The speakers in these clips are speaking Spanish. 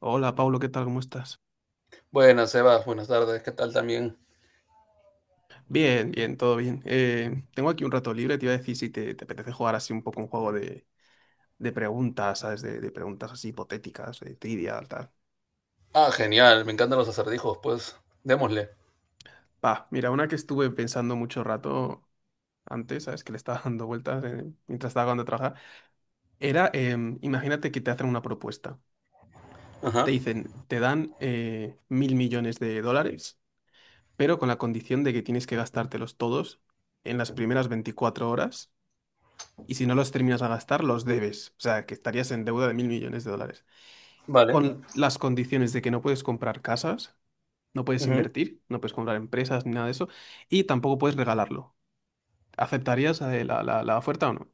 Hola, Pablo, ¿qué tal? ¿Cómo estás? Buenas, Sebas, buenas tardes, ¿qué tal también? Bien, bien, todo bien. Tengo aquí un rato libre, te iba a decir si te apetece jugar así un poco un juego de preguntas, ¿sabes? De preguntas así hipotéticas, de trivia, tal. Ah, genial, me encantan los acertijos, pues démosle. Va, mira, una que estuve pensando mucho rato antes, ¿sabes? Que le estaba dando vueltas mientras estaba acabando de trabajar. Era, imagínate que te hacen una propuesta. Te Ajá, dicen, te dan mil millones de dólares, pero con la condición de que tienes que gastártelos todos en las primeras 24 horas y si no los terminas de gastar, los debes. O sea, que estarías en deuda de mil millones de dólares. vale. Con las condiciones de que no puedes comprar casas, no puedes Ujú. invertir, no puedes comprar empresas ni nada de eso, y tampoco puedes regalarlo. ¿Aceptarías la oferta o no?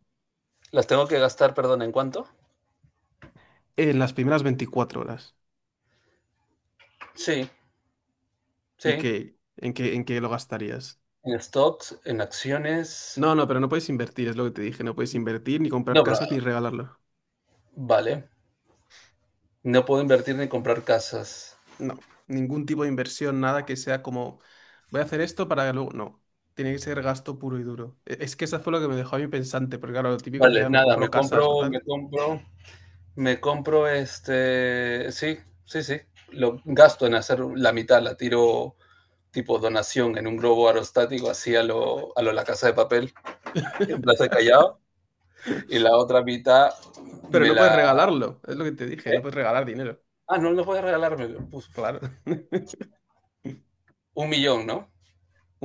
Las tengo que gastar, perdón, ¿en cuánto? En las primeras 24 horas. Sí, ¿Y sí. qué? ¿En qué lo gastarías? En stocks, en acciones. No, no, pero no puedes invertir, es lo que te dije. No puedes invertir, ni comprar No, pero, casas, ni regalarlo. vale. No puedo invertir ni comprar casas. No, ningún tipo de inversión, nada que sea como voy a hacer esto para que luego. No, tiene que ser gasto puro y duro. Es que eso fue lo que me dejó a mí pensante, porque claro, lo típico Vale, sería me nada, me compro casas o compro, me tal. compro, me compro este. Sí, sí, sí. Lo gasto en hacer la mitad, la tiro tipo donación en un globo aerostático, así a lo La Casa de Papel, en Plaza de Callao. Y la otra mitad Pero me no puedes la. regalarlo, es lo que te dije, no ¿Qué? puedes regalar dinero. Ah, no, no puedes regalarme. Pues, Claro. un millón, ¿no?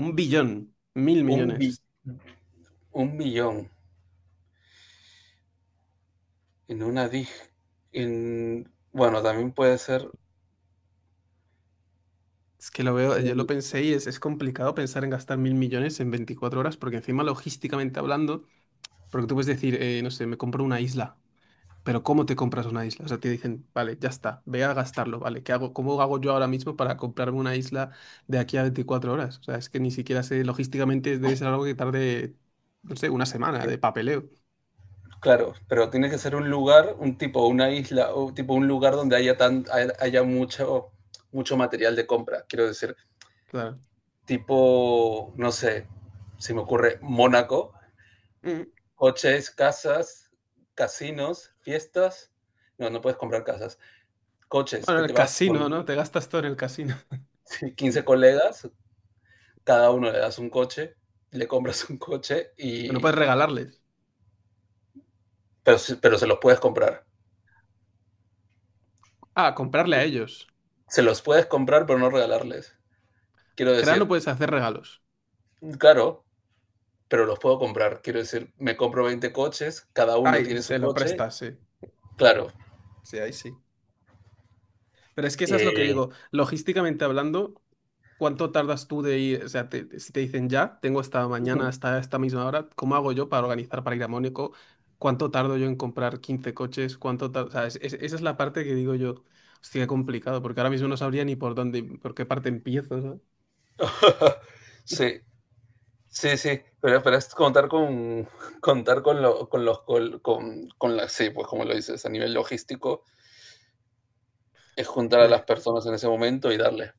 Un billón, mil Un, bi- millones. un millón en una disc. En. Bueno, también puede ser. Es que lo veo, yo lo eh, pensé y es complicado pensar en gastar mil millones en 24 horas, porque encima logísticamente hablando, porque tú puedes decir, no sé, me compro una isla. Pero ¿cómo te compras una isla? O sea, te dicen, vale, ya está, ve a gastarlo, vale, ¿qué hago? ¿Cómo hago yo ahora mismo para comprarme una isla de aquí a 24 horas? O sea, es que ni siquiera sé, logísticamente debe ser algo que tarde, no sé, una semana de papeleo. Claro, pero tiene que ser un lugar, un tipo, una isla, o tipo un lugar donde haya, haya mucho, mucho material de compra. Quiero decir, Claro. tipo, no sé, se me ocurre Mónaco, Mm. coches, casas, casinos, fiestas. No, no puedes comprar casas coches, Bueno, que el te vas con casino, ¿no? Te gastas todo en el casino. 15 Sí. colegas, cada uno le das un coche, le compras un coche No y puedes regalarles. pero se los puedes comprar. Ah, comprarle a ellos. Se los puedes comprar pero no regalarles. Quiero En general no decir, puedes hacer regalos. claro, pero los puedo comprar. Quiero decir, me compro 20 coches, cada uno Ay, tiene su se lo coche, prestas, sí. claro. Sí, ahí sí. Pero es que eso es lo que Eh, digo. Logísticamente hablando, ¿cuánto tardas tú de ir? O sea, si te dicen ya, tengo esta mañana Ujú. hasta esta misma hora, ¿cómo hago yo para organizar para ir a Mónaco? ¿Cuánto tardo yo en comprar 15 coches? O sea, esa es la parte que digo yo, hostia, qué complicado, porque ahora mismo no sabría ni por dónde, por qué parte empiezo, ¿sabes? Eh, sí, sí, sí, pero es contar con contar con, lo, con los con la, sí, pues como lo dices, a nivel logístico, es juntar a las personas en ese momento y darles.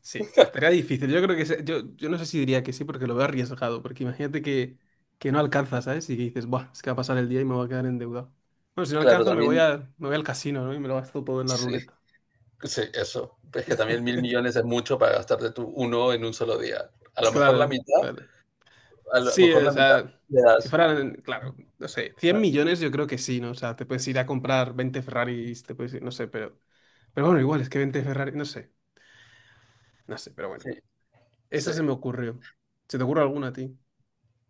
Sí, estaría difícil. Yo creo que yo no sé si diría que sí, porque lo veo arriesgado, porque imagínate que no alcanzas, ¿sabes? Y que dices, buah, es que va a pasar el día y me voy a quedar endeudado. Bueno, si no Claro, alcanzo, también, me voy al casino, ¿no? Y me lo gasto todo en la sí, ruleta. sí, eso. Es que también 1.000 millones es mucho para gastarte tú uno en un solo día. A lo mejor la Claro, mitad, claro. a lo Sí, mejor o la mitad sea, le si das. fueran, claro, no sé, Ah, 100 millones yo creo que sí, ¿no? O sea, te puedes ir a comprar 20 Ferraris, te puedes ir, no sé, pero. Pero bueno, igual, es que 20 Ferraris, no sé, no sé, pero bueno. sí, sí. Esta se me ocurrió. ¿Se te ocurre alguna a ti?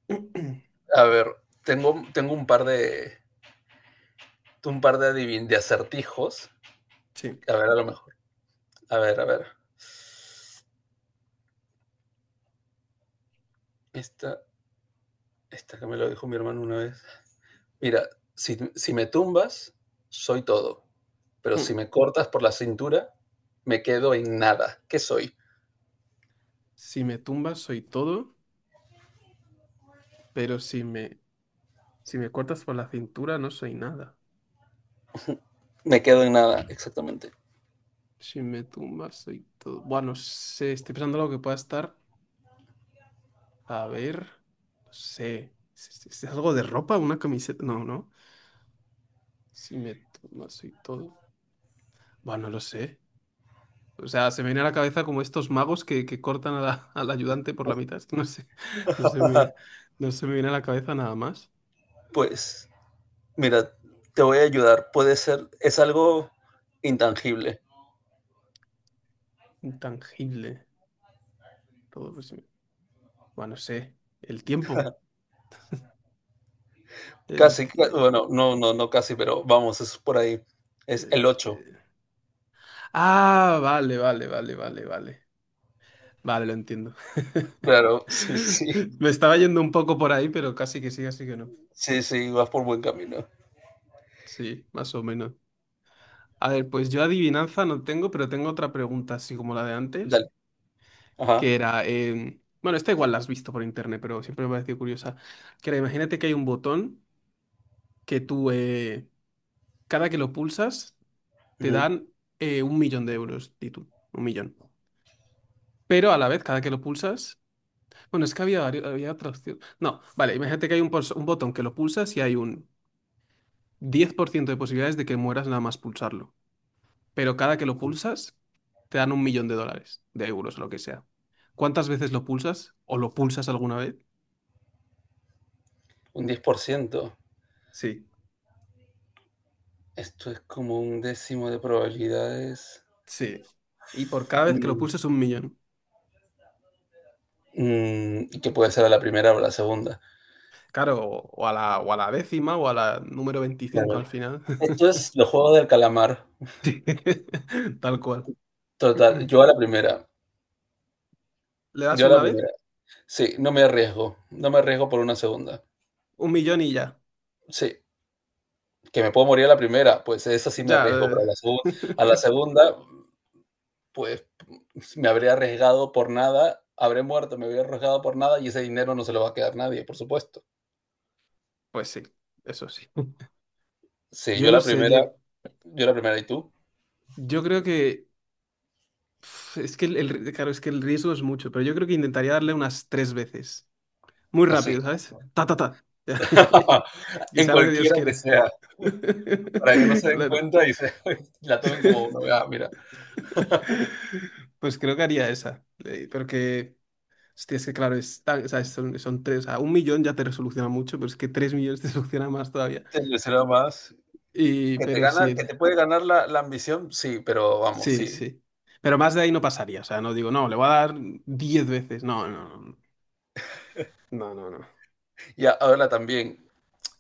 A ver, tengo un par de acertijos. Sí. A ver, a lo mejor. A ver, a ver. Esta, esta que me lo dijo mi hermano una vez. Mira, si me tumbas, soy todo. Pero Hmm. si me cortas por la cintura, me quedo en nada. ¿Qué soy? Si me tumbas soy todo, pero si me cortas por la cintura no soy nada. Me quedo en nada, exactamente. Si me tumbas soy todo. Bueno, no sé, estoy pensando algo que pueda estar. A ver, no sé. ¿Es algo de ropa? ¿Una camiseta? No, no. Si me tomas y todo. Bueno, no lo sé. O sea, se me viene a la cabeza como estos magos que cortan al ayudante por la mitad. Es que no sé. No se me Ajá. viene, no se me viene a la cabeza nada más. Pues, mira, te voy a ayudar. Puede ser, es algo intangible. Intangible. Todo, pues, bueno, no sé. El tiempo. El, Casi, tie- bueno, no, no, no casi, pero vamos, es por ahí. Es el el ocho. tie- Ah, vale, vale, vale, vale, vale. Vale, lo entiendo. Claro, sí, sí. Me estaba yendo un poco por ahí, pero casi que sí, así que no. Sí, sí, vas por buen camino. Sí, más o menos. A ver, pues yo adivinanza no tengo, pero tengo otra pregunta, así como la de antes, Dale. Ajá. que era, bueno, esta igual la has visto por internet, pero siempre me ha parecido curiosa, que era, imagínate que hay un botón que tú, cada que lo pulsas, te Ujú. dan un millón de euros, di tú, un millón. Pero a la vez, cada que lo pulsas, bueno, es que había, había otra opción. No, vale, imagínate que hay un botón que lo pulsas y hay un 10% de posibilidades de que mueras nada más pulsarlo. Pero cada que lo pulsas te dan un millón de dólares, de euros, lo que sea. ¿Cuántas veces lo pulsas? ¿O lo pulsas alguna vez? Un 10%. Sí, Esto es como un décimo de probabilidades. sí. Y por cada vez que lo Mm, pulsas un millón. y que puede ser a la primera o a la segunda. Claro, o a la décima o a la número 25 Claro. al final. Esto es los juegos del calamar. Sí, tal cual. Total. Yo a la primera. Le das Yo a una la vez, primera. Sí, no me arriesgo. No me arriesgo por una segunda. un millón y ya. Sí, que me puedo morir a la primera, pues esa sí me Ya, arriesgo, pero a la segunda, pues me habré arriesgado por nada, habré muerto, me habré arriesgado por nada y ese dinero no se lo va a quedar nadie, por supuesto. pues sí, eso sí. Sí, Yo no sé, yo, yo la primera y tú. yo creo que... pf, es que claro, es que el riesgo es mucho, pero yo creo que intentaría darle unas tres veces. Muy Así. rápido, ¿sabes? Ta, ta, ta. Que En sea lo que Dios cualquiera que quiera. sea, para que no se den Claro. cuenta y se la tomen como uno. Ah, mira, Pues creo que haría esa. Pero hostia, es que claro, o sea, son tres, o sea, un millón ya te resoluciona mucho, pero es que tres millones te soluciona más todavía. te será más. Y, Que te pero sí, gana, que te puede ganar la ambición, sí, pero vamos, sí, sí. sí. Pero más de ahí no pasaría, o sea, no digo, no, le voy a dar 10 veces. No, no, no, no, no, no. Y ahora también,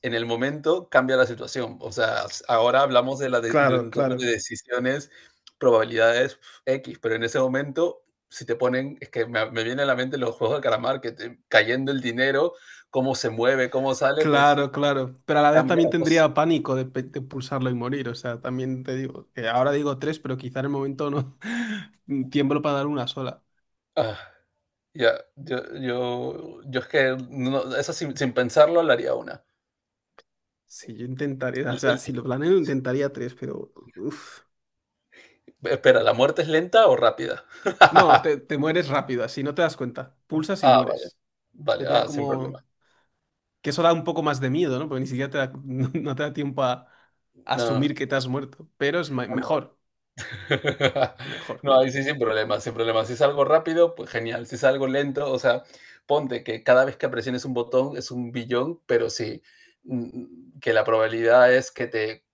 en el momento cambia la situación. O sea, ahora hablamos de, la de Claro, un tema claro. de decisiones, probabilidades X, pero en ese momento, si te ponen, es que me viene a la mente los juegos de calamar, que te, cayendo el dinero, cómo se mueve, cómo sale, pues Claro, claro. Pero a la vez cambia también la cosa. tendría pánico de pulsarlo y morir. O sea, también te digo, que ahora digo tres, pero quizá en el momento no tiemblo para dar una sola. Ah, ya, yo es que no, no, eso sin pensarlo le haría una. Sí, yo intentaría, o El- sea, el- si lo planeo, intentaría tres, pero uf. espera, ¿la muerte es lenta o rápida? No, te, te mueres rápido, así no te das cuenta. Pulsas y Ah, vale, mueres. vale, Sería ah, sin problema. como. Que eso da un poco más de miedo, ¿no? Porque ni siquiera no, no te da tiempo a No, asumir que te has muerto. Pero es no, mejor, mejor. No, Claro. ahí sí, sin problemas, sin problemas. Si es algo rápido, pues genial. Si es algo lento, o sea, ponte que cada vez que presiones un botón es un billón, pero sí, que la probabilidad es que te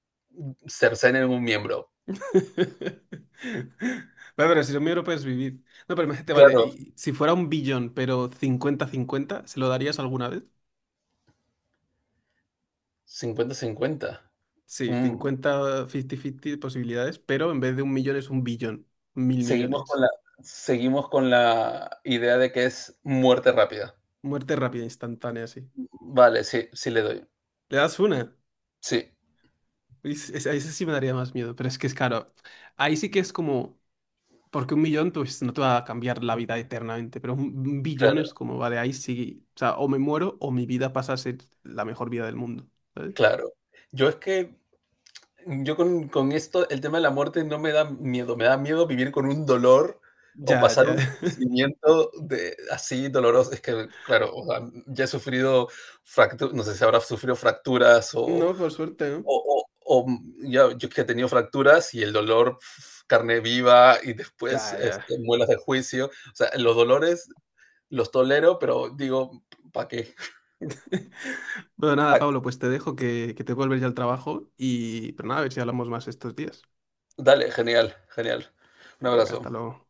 cercenen un miembro. Vale, pero si lo mío no puedes vivir. No, pero imagínate, vale, Claro, y si fuera un billón, pero cincuenta cincuenta ¿se lo darías alguna vez? 50-50. Sí, Mm, cincuenta 50-50 posibilidades, pero en vez de un millón es un billón, mil Seguimos con millones. la, seguimos con la idea de que es muerte rápida. Muerte rápida, instantánea, así. Vale, sí, sí le doy. ¿Le das una? Sí, A ese sí me daría más miedo, pero es que es caro. Ahí sí que es como, porque un millón pues no te va a cambiar la vida eternamente, pero un billón es claro, como, vale, ahí sí, o sea, o me muero o mi vida pasa a ser la mejor vida del mundo. claro. Yo es que Yo con esto, el tema de la muerte no me da miedo, me da miedo vivir con un dolor o Ya, pasar ya. un sufrimiento de, así doloroso. Es que, claro, o sea, ya he sufrido fracturas, no sé si habrá sufrido fracturas No, por suerte, ¿no? O ya, yo que he tenido fracturas y el dolor carne viva y después Ya, ya. este, muelas de juicio. O sea, los dolores los tolero, pero digo, ¿para qué? Bueno, nada, Ah, Pablo, pues te dejo que te vuelves ya al trabajo y, pero nada, a ver si hablamos más estos días. dale, genial, genial. Un Venga, abrazo. hasta luego.